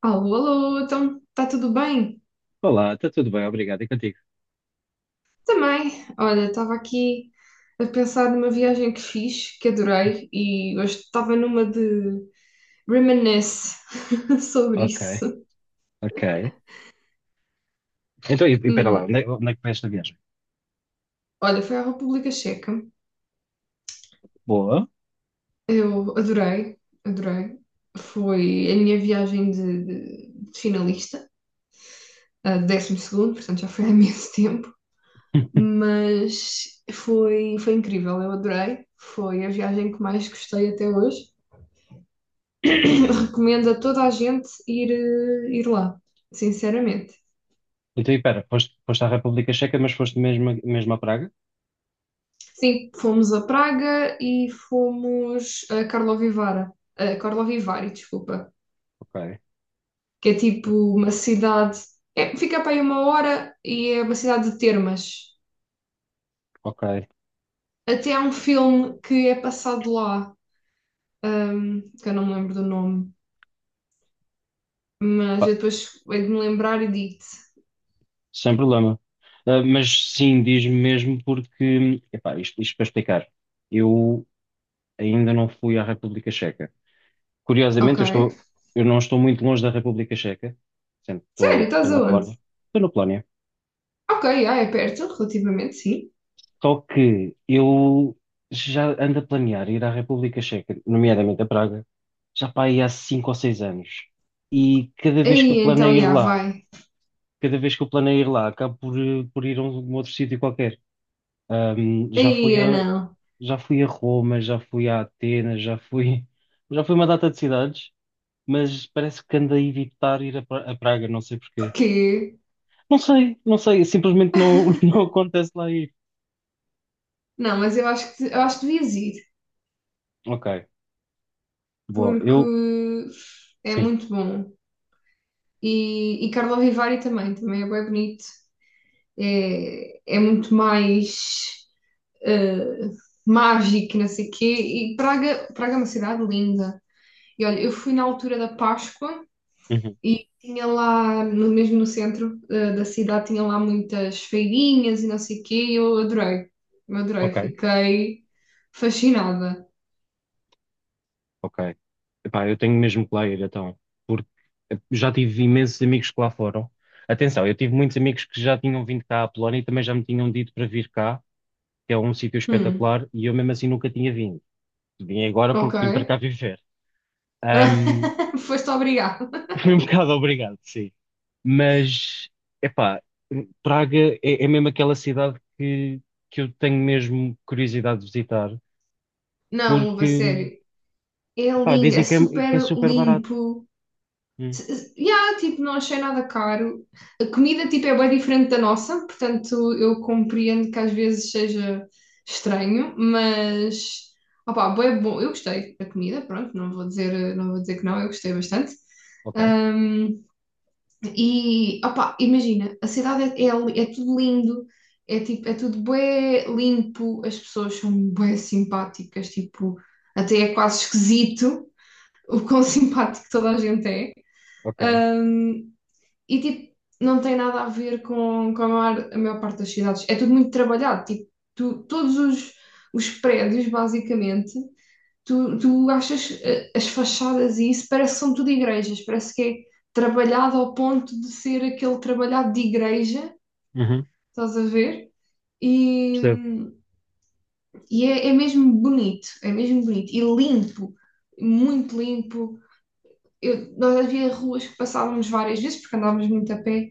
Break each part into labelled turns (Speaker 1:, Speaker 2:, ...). Speaker 1: Alô, alô, então está tudo bem?
Speaker 2: Olá, está tudo bem, obrigado. E contigo?
Speaker 1: Também. Olha, estava aqui a pensar numa viagem que fiz, que adorei, e hoje estava numa de reminisce sobre
Speaker 2: Ok,
Speaker 1: isso.
Speaker 2: ok. Então, e pera lá,
Speaker 1: Hum,
Speaker 2: onde é que foi esta viagem?
Speaker 1: olha, foi à República Checa.
Speaker 2: Boa.
Speaker 1: Eu adorei, adorei. Foi a minha viagem de finalista, a décimo segundo, portanto já foi há imenso tempo, mas foi incrível, eu adorei. Foi a viagem que mais gostei até hoje. Recomendo a toda a gente ir, ir lá, sinceramente.
Speaker 2: Então, e pera, foste à República Checa, mas foste mesmo, mesmo a Praga?
Speaker 1: Sim, fomos a Praga e fomos a Karlovy Vary, desculpa,
Speaker 2: Ok,
Speaker 1: que é tipo uma cidade, é, fica para aí uma hora e é uma cidade de termas.
Speaker 2: ok.
Speaker 1: Até há um filme que é passado lá, que eu não me lembro do nome,
Speaker 2: Pá,
Speaker 1: mas eu depois hei de me lembrar e digo-te.
Speaker 2: sem problema. Ah, mas sim, diz-me mesmo porque, epá, isto para explicar, eu ainda não fui à República Checa.
Speaker 1: Ok.
Speaker 2: Curiosamente, eu não estou muito longe da República Checa, sempre
Speaker 1: Sério,
Speaker 2: estou,
Speaker 1: estás
Speaker 2: estou na
Speaker 1: aonde?
Speaker 2: Polónia. Estou na Polónia.
Speaker 1: Ok, ah, é perto, relativamente, sim.
Speaker 2: Só que eu já ando a planear ir à República Checa, nomeadamente a Praga, já para aí há 5 ou 6 anos. E
Speaker 1: Aí então, já vai.
Speaker 2: cada vez que eu planeio ir lá, acabo por, por ir a um outro sítio qualquer. Ahm, já fui
Speaker 1: Aí
Speaker 2: a,
Speaker 1: não.
Speaker 2: já fui a Roma, já fui a Atenas, já fui, já fui a uma data de cidades, mas parece que ando a evitar ir a Praga, não sei porquê.
Speaker 1: Porque.
Speaker 2: Não sei, simplesmente não, não acontece lá ir.
Speaker 1: Não, mas eu acho que devias ir,
Speaker 2: Ok, boa,
Speaker 1: porque é
Speaker 2: sim.
Speaker 1: muito bom. E Carlo Vivari também, também é bem bonito. É, é muito mais eh, mágico, não sei o quê. E Praga, Praga é uma cidade linda. E olha, eu fui na altura da Páscoa
Speaker 2: Uhum.
Speaker 1: e tinha lá, no, mesmo no centro da cidade, tinha lá muitas feirinhas e não sei o quê. E eu adorei,
Speaker 2: Ok.
Speaker 1: fiquei fascinada.
Speaker 2: Ok. Epá, eu tenho mesmo que lá ir então, porque já tive imensos amigos que lá foram. Atenção, eu tive muitos amigos que já tinham vindo cá à Polónia e também já me tinham dito para vir cá, que é um sítio
Speaker 1: Hum,
Speaker 2: espetacular, e eu mesmo assim nunca tinha vindo. Vim agora
Speaker 1: ok.
Speaker 2: porque vim para cá viver. Ahm,
Speaker 1: Foste obrigado.
Speaker 2: fui um bocado obrigado, sim. Mas, epá, Praga é mesmo aquela cidade que eu tenho mesmo curiosidade de visitar,
Speaker 1: Não, uva,
Speaker 2: porque,
Speaker 1: sério. É
Speaker 2: epá,
Speaker 1: lindo, é
Speaker 2: dizem que é
Speaker 1: super
Speaker 2: super barato.
Speaker 1: limpo.
Speaker 2: Hum,
Speaker 1: Yeah, tipo, não achei nada caro. A comida, tipo, é bem diferente da nossa, portanto, eu compreendo que às vezes seja estranho, mas, opá, bué bom. Eu gostei da comida, pronto, não vou dizer, não vou dizer que não, eu gostei bastante.
Speaker 2: ok,
Speaker 1: E, opá, imagina, a cidade é tudo lindo, é, tipo, é tudo bué limpo, as pessoas são bué simpáticas, tipo, até é quase esquisito o quão simpático toda a gente é.
Speaker 2: ok.
Speaker 1: Ahm, e, tipo, não tem nada a ver com a maior parte das cidades. É tudo muito trabalhado, tipo, todos os prédios, basicamente, tu achas as fachadas e isso parece que são tudo igrejas, parece que é trabalhado ao ponto de ser aquele trabalhado de igreja,
Speaker 2: Uhum.
Speaker 1: estás a ver? E,
Speaker 2: Percebo,
Speaker 1: e é, é mesmo bonito e limpo, muito limpo. Nós havia ruas que passávamos várias vezes porque andávamos muito a pé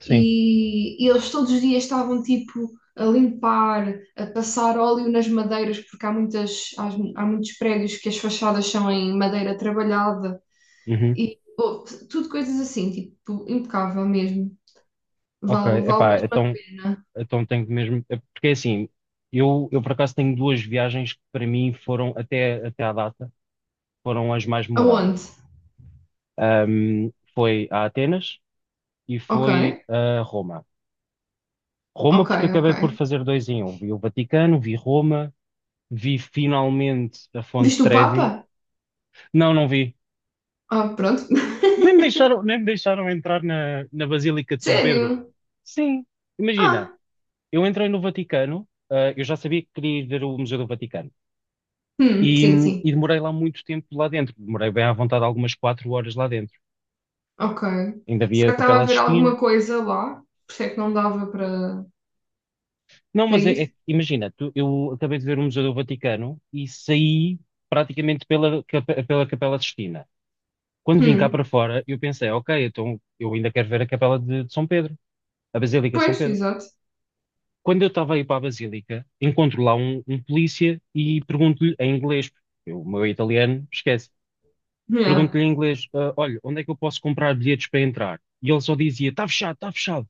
Speaker 2: sim.
Speaker 1: e eles todos os dias estavam tipo a limpar, a passar óleo nas madeiras, porque há muitos prédios que as fachadas são em madeira trabalhada.
Speaker 2: Uhum.
Speaker 1: E pô, tudo coisas assim, tipo, impecável mesmo.
Speaker 2: Ok,
Speaker 1: Vale, vale
Speaker 2: epá,
Speaker 1: mesmo a
Speaker 2: então,
Speaker 1: pena.
Speaker 2: então tenho que mesmo. É porque é assim, eu por acaso tenho duas viagens que para mim foram, até à data, foram as mais memoráveis.
Speaker 1: Aonde?
Speaker 2: Foi a Atenas e
Speaker 1: Ok,
Speaker 2: foi a Roma. Roma,
Speaker 1: ok,
Speaker 2: porque
Speaker 1: ok.
Speaker 2: acabei por fazer dois em um. Vi o Vaticano, vi Roma, vi finalmente a Fonte
Speaker 1: Viste o
Speaker 2: Trevi.
Speaker 1: Papa?
Speaker 2: Não, não vi.
Speaker 1: Ah, pronto.
Speaker 2: Nem me deixaram entrar na Basílica de São Pedro.
Speaker 1: Sério?
Speaker 2: Sim, imagina.
Speaker 1: Ah,
Speaker 2: Eu entrei no Vaticano, eu já sabia que queria ir ver o Museu do Vaticano. E,
Speaker 1: sim,
Speaker 2: e
Speaker 1: sim.
Speaker 2: demorei lá muito tempo lá dentro. Demorei bem à vontade algumas 4 horas lá dentro.
Speaker 1: Ok.
Speaker 2: Ainda
Speaker 1: Será
Speaker 2: havia a
Speaker 1: que estava
Speaker 2: Capela
Speaker 1: a ver
Speaker 2: Sistina.
Speaker 1: alguma coisa lá? Por isso é que não dava
Speaker 2: Não,
Speaker 1: para
Speaker 2: mas
Speaker 1: ir?
Speaker 2: imagina, eu acabei de ver o Museu do Vaticano e saí praticamente pela Capela Sistina. Quando vim cá
Speaker 1: Hum,
Speaker 2: para fora, eu pensei, ok, então eu ainda quero ver a Capela de São Pedro, a Basílica de São
Speaker 1: pois,
Speaker 2: Pedro.
Speaker 1: exato.
Speaker 2: Quando eu estava a ir para a Basílica, encontro lá um polícia e pergunto-lhe em inglês, porque o meu italiano esquece.
Speaker 1: Yeah.
Speaker 2: Pergunto-lhe em inglês, "Ah, olha, onde é que eu posso comprar bilhetes para entrar?" E ele só dizia, está fechado, está fechado.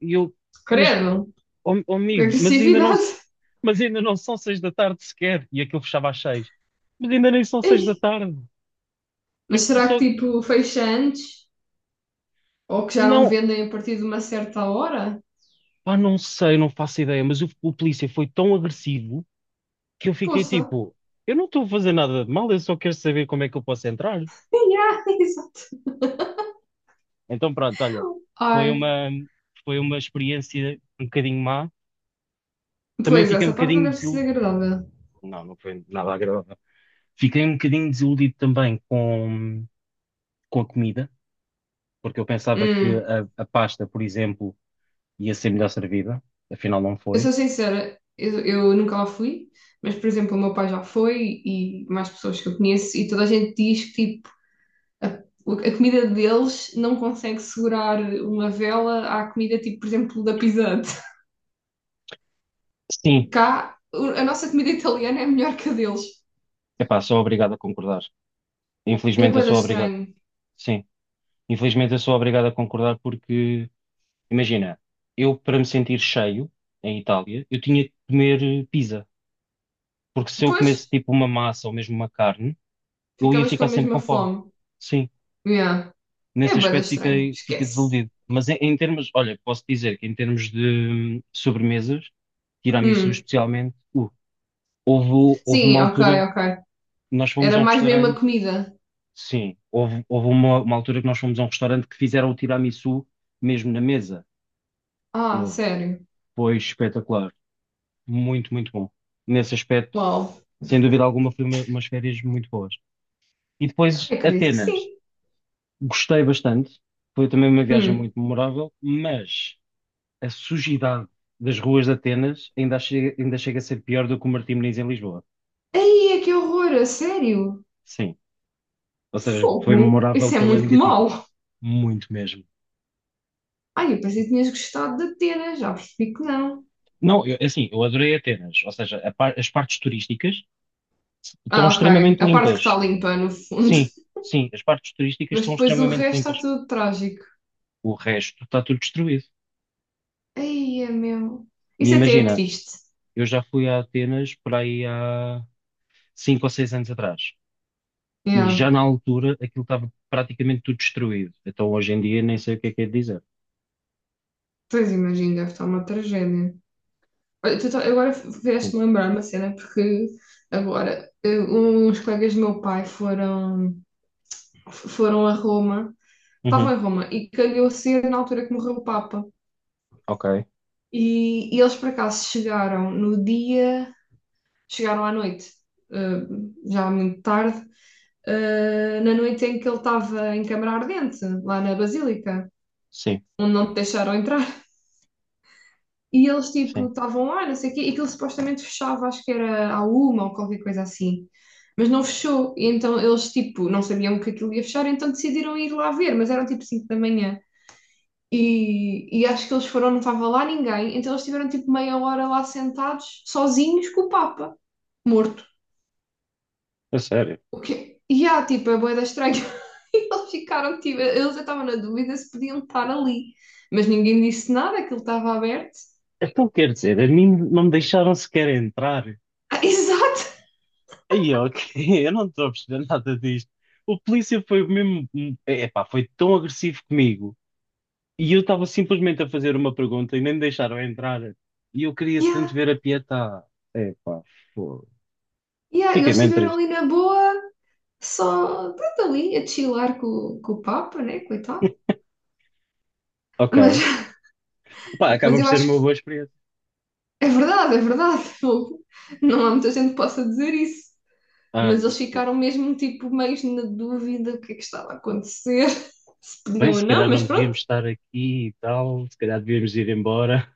Speaker 2: E eu, mas,
Speaker 1: Credo,
Speaker 2: ó ó,
Speaker 1: que
Speaker 2: amigo, mas ainda não,
Speaker 1: agressividade.
Speaker 2: mas ainda não são 6 da tarde sequer. E aquilo fechava às 6. Mas ainda nem são seis da
Speaker 1: Ei,
Speaker 2: tarde.
Speaker 1: mas
Speaker 2: Eu
Speaker 1: será
Speaker 2: só,
Speaker 1: que tipo fecha antes? Ou que já não
Speaker 2: não,
Speaker 1: vendem a partir de uma certa hora?
Speaker 2: pá, não sei, não faço ideia, mas o polícia foi tão agressivo que eu fiquei
Speaker 1: Poça.
Speaker 2: tipo, eu não estou a fazer nada de mal, eu só quero saber como é que eu posso entrar.
Speaker 1: Yeah, exato.
Speaker 2: Então pronto, olha, foi
Speaker 1: Ai,
Speaker 2: uma, foi uma experiência um bocadinho má. Também
Speaker 1: pois,
Speaker 2: fiquei um
Speaker 1: essa parte não
Speaker 2: bocadinho
Speaker 1: deve ter
Speaker 2: desiludido.
Speaker 1: sido agradável.
Speaker 2: Não, não foi nada agradável. Fiquei um bocadinho desiludido também com a comida, porque eu pensava que
Speaker 1: Hum,
Speaker 2: a pasta, por exemplo, ia ser melhor servida. Afinal, não
Speaker 1: eu
Speaker 2: foi.
Speaker 1: sou sincera, eu nunca lá fui, mas, por exemplo, o meu pai já foi e mais pessoas que eu conheço, e toda a gente diz que, tipo, a comida deles não consegue segurar uma vela à comida, tipo, por exemplo, da Pizzante.
Speaker 2: Sim,
Speaker 1: Cá, a nossa comida italiana é melhor que a deles.
Speaker 2: epá, sou obrigado a concordar.
Speaker 1: É
Speaker 2: Infelizmente, eu
Speaker 1: bué da
Speaker 2: sou obrigado.
Speaker 1: estranho.
Speaker 2: Sim, infelizmente, eu sou obrigado a concordar porque, imagina, eu para me sentir cheio em Itália, eu tinha que comer pizza. Porque se eu
Speaker 1: Pois,
Speaker 2: comesse tipo uma massa ou mesmo uma carne, eu ia
Speaker 1: ficavas com
Speaker 2: ficar
Speaker 1: a
Speaker 2: sempre
Speaker 1: mesma
Speaker 2: com fome.
Speaker 1: fome.
Speaker 2: Sim,
Speaker 1: Yeah. É
Speaker 2: nesse
Speaker 1: bué da
Speaker 2: aspecto
Speaker 1: estranho,
Speaker 2: fiquei
Speaker 1: esquece.
Speaker 2: desiludido. Mas em termos, olha, posso dizer que em termos de sobremesas, tiramisu
Speaker 1: Hum,
Speaker 2: especialmente, houve uma
Speaker 1: sim, ok,
Speaker 2: altura,
Speaker 1: ok.
Speaker 2: nós fomos
Speaker 1: Era
Speaker 2: a um
Speaker 1: mais mesmo a
Speaker 2: restaurante,
Speaker 1: comida.
Speaker 2: sim, houve uma altura que nós fomos a um restaurante que fizeram o tiramisu mesmo na mesa.
Speaker 1: Ah,
Speaker 2: Houve.
Speaker 1: sério?
Speaker 2: Foi espetacular. Muito, muito bom. Nesse aspecto,
Speaker 1: Uau.
Speaker 2: sem dúvida alguma, foi umas férias muito boas. E depois,
Speaker 1: Ai, acredito que
Speaker 2: Atenas.
Speaker 1: sim.
Speaker 2: Gostei bastante. Foi também uma viagem
Speaker 1: Hum.
Speaker 2: muito memorável, mas a sujidade das ruas de Atenas ainda chega a ser pior do que o Martim Moniz em Lisboa.
Speaker 1: Ai, que horror, a sério?
Speaker 2: Sim. Ou seja, foi
Speaker 1: Fogo.
Speaker 2: memorável
Speaker 1: Isso é
Speaker 2: pela
Speaker 1: muito
Speaker 2: negativa.
Speaker 1: mau.
Speaker 2: Muito mesmo.
Speaker 1: Ai, eu pensei que tinhas gostado da Atena, já percebi que não.
Speaker 2: Não, é assim, eu adorei Atenas. Ou seja, as partes turísticas estão
Speaker 1: Ah, ok.
Speaker 2: extremamente
Speaker 1: A parte que
Speaker 2: limpas.
Speaker 1: está limpa, no fundo.
Speaker 2: Sim, sim, as partes turísticas
Speaker 1: Mas
Speaker 2: estão
Speaker 1: depois o
Speaker 2: extremamente
Speaker 1: resto está
Speaker 2: limpas.
Speaker 1: tudo trágico.
Speaker 2: O resto está tudo destruído.
Speaker 1: Ai, é meu.
Speaker 2: E
Speaker 1: Isso até é
Speaker 2: imagina,
Speaker 1: triste.
Speaker 2: eu já fui a Atenas por aí há 5 ou 6 anos atrás. E
Speaker 1: Yeah.
Speaker 2: já na altura aquilo estava praticamente tudo destruído. Então hoje em dia nem sei o que é de dizer.
Speaker 1: Pois imagino, deve estar uma tragédia. Olha, agora
Speaker 2: Sim.
Speaker 1: vieste-me lembrar uma cena, porque agora uns colegas do meu pai foram, foram a Roma. Estava
Speaker 2: Uhum.
Speaker 1: em Roma e calhou ser na altura que morreu o Papa.
Speaker 2: Ok.
Speaker 1: E eles por acaso chegaram no dia, chegaram à noite, eh, já muito tarde, na noite em que ele estava em câmara ardente, lá na Basílica,
Speaker 2: Sim,
Speaker 1: onde não te deixaram entrar. E eles tipo
Speaker 2: sim.
Speaker 1: estavam lá, não sei o quê, e aquilo supostamente fechava, acho que era à uma ou qualquer coisa assim. Mas não fechou, e então eles tipo não sabiam que aquilo ia fechar, então decidiram ir lá ver, mas eram tipo 5 da manhã. E acho que eles foram, não estava lá ninguém, então eles tiveram tipo meia hora lá sentados, sozinhos, com o Papa, morto.
Speaker 2: A sério.
Speaker 1: O quê? E há, tipo, é bué da estranho. E eles ficaram, tipo, eles estavam na dúvida se podiam estar ali. Mas ninguém disse nada, aquilo estava aberto.
Speaker 2: Então quer dizer, a mim não me deixaram sequer entrar.
Speaker 1: Ah, exato!
Speaker 2: Aí, ok, eu não estou a perceber nada disto. O polícia foi mesmo, epá, foi tão agressivo comigo. E eu estava simplesmente a fazer uma pergunta e nem me deixaram entrar. E eu queria tanto
Speaker 1: Yeah,
Speaker 2: ver a Pietá. Epá, fogo.
Speaker 1: yeah.
Speaker 2: Fiquei
Speaker 1: Eles
Speaker 2: mesmo
Speaker 1: estiveram
Speaker 2: triste.
Speaker 1: ali na boa, só, pronto, ali, a chilar com o Papa, né, coitado. Mas,
Speaker 2: Ok. Epá, acaba
Speaker 1: mas
Speaker 2: por
Speaker 1: eu
Speaker 2: ser
Speaker 1: acho
Speaker 2: uma
Speaker 1: que
Speaker 2: boa experiência.
Speaker 1: é verdade, é verdade. Não há muita gente que possa dizer isso. Mas eles
Speaker 2: Ai,
Speaker 1: ficaram mesmo tipo meio na dúvida o que é que estava a acontecer, se
Speaker 2: bem,
Speaker 1: podiam ou
Speaker 2: se
Speaker 1: não,
Speaker 2: calhar
Speaker 1: mas
Speaker 2: não
Speaker 1: pronto.
Speaker 2: devíamos estar aqui e tal, se calhar devíamos ir embora.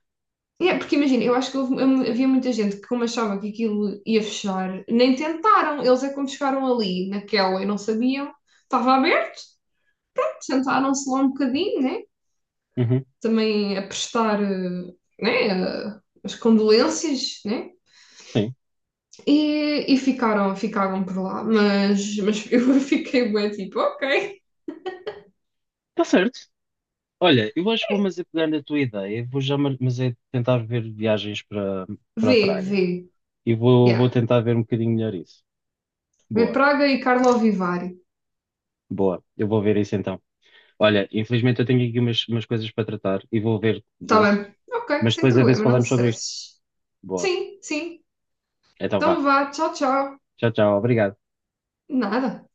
Speaker 1: É, porque imagina, eu acho que havia muita gente que, como achava que aquilo ia fechar, nem tentaram. Eles é como chegaram ali naquela e não sabiam. Estava aberto, sentaram-se lá um bocadinho, né?
Speaker 2: Uhum,
Speaker 1: Também a prestar, né? As condolências, né?
Speaker 2: sim,
Speaker 1: E ficaram, ficaram por lá. Mas eu fiquei bem tipo, ok,
Speaker 2: está certo. Olha, eu acho que vou, mas é pegar na tua ideia, vou já, mas é tentar ver viagens para
Speaker 1: vê,
Speaker 2: Praga
Speaker 1: vê.
Speaker 2: e vou
Speaker 1: Yeah.
Speaker 2: tentar ver um bocadinho melhor isso.
Speaker 1: Ver
Speaker 2: Boa,
Speaker 1: Praga e Carlo Vivari.
Speaker 2: boa, eu vou ver isso então. Olha, infelizmente eu tenho aqui umas coisas para tratar e vou ver
Speaker 1: Tá
Speaker 2: disso,
Speaker 1: bem. Ok,
Speaker 2: mas
Speaker 1: sem
Speaker 2: depois a ver se
Speaker 1: problema, não te
Speaker 2: falamos sobre isto.
Speaker 1: stresses.
Speaker 2: Boa,
Speaker 1: Sim, sim.
Speaker 2: então
Speaker 1: Então
Speaker 2: vá.
Speaker 1: vá, tchau, tchau.
Speaker 2: Tchau, tchau, obrigado.
Speaker 1: Nada.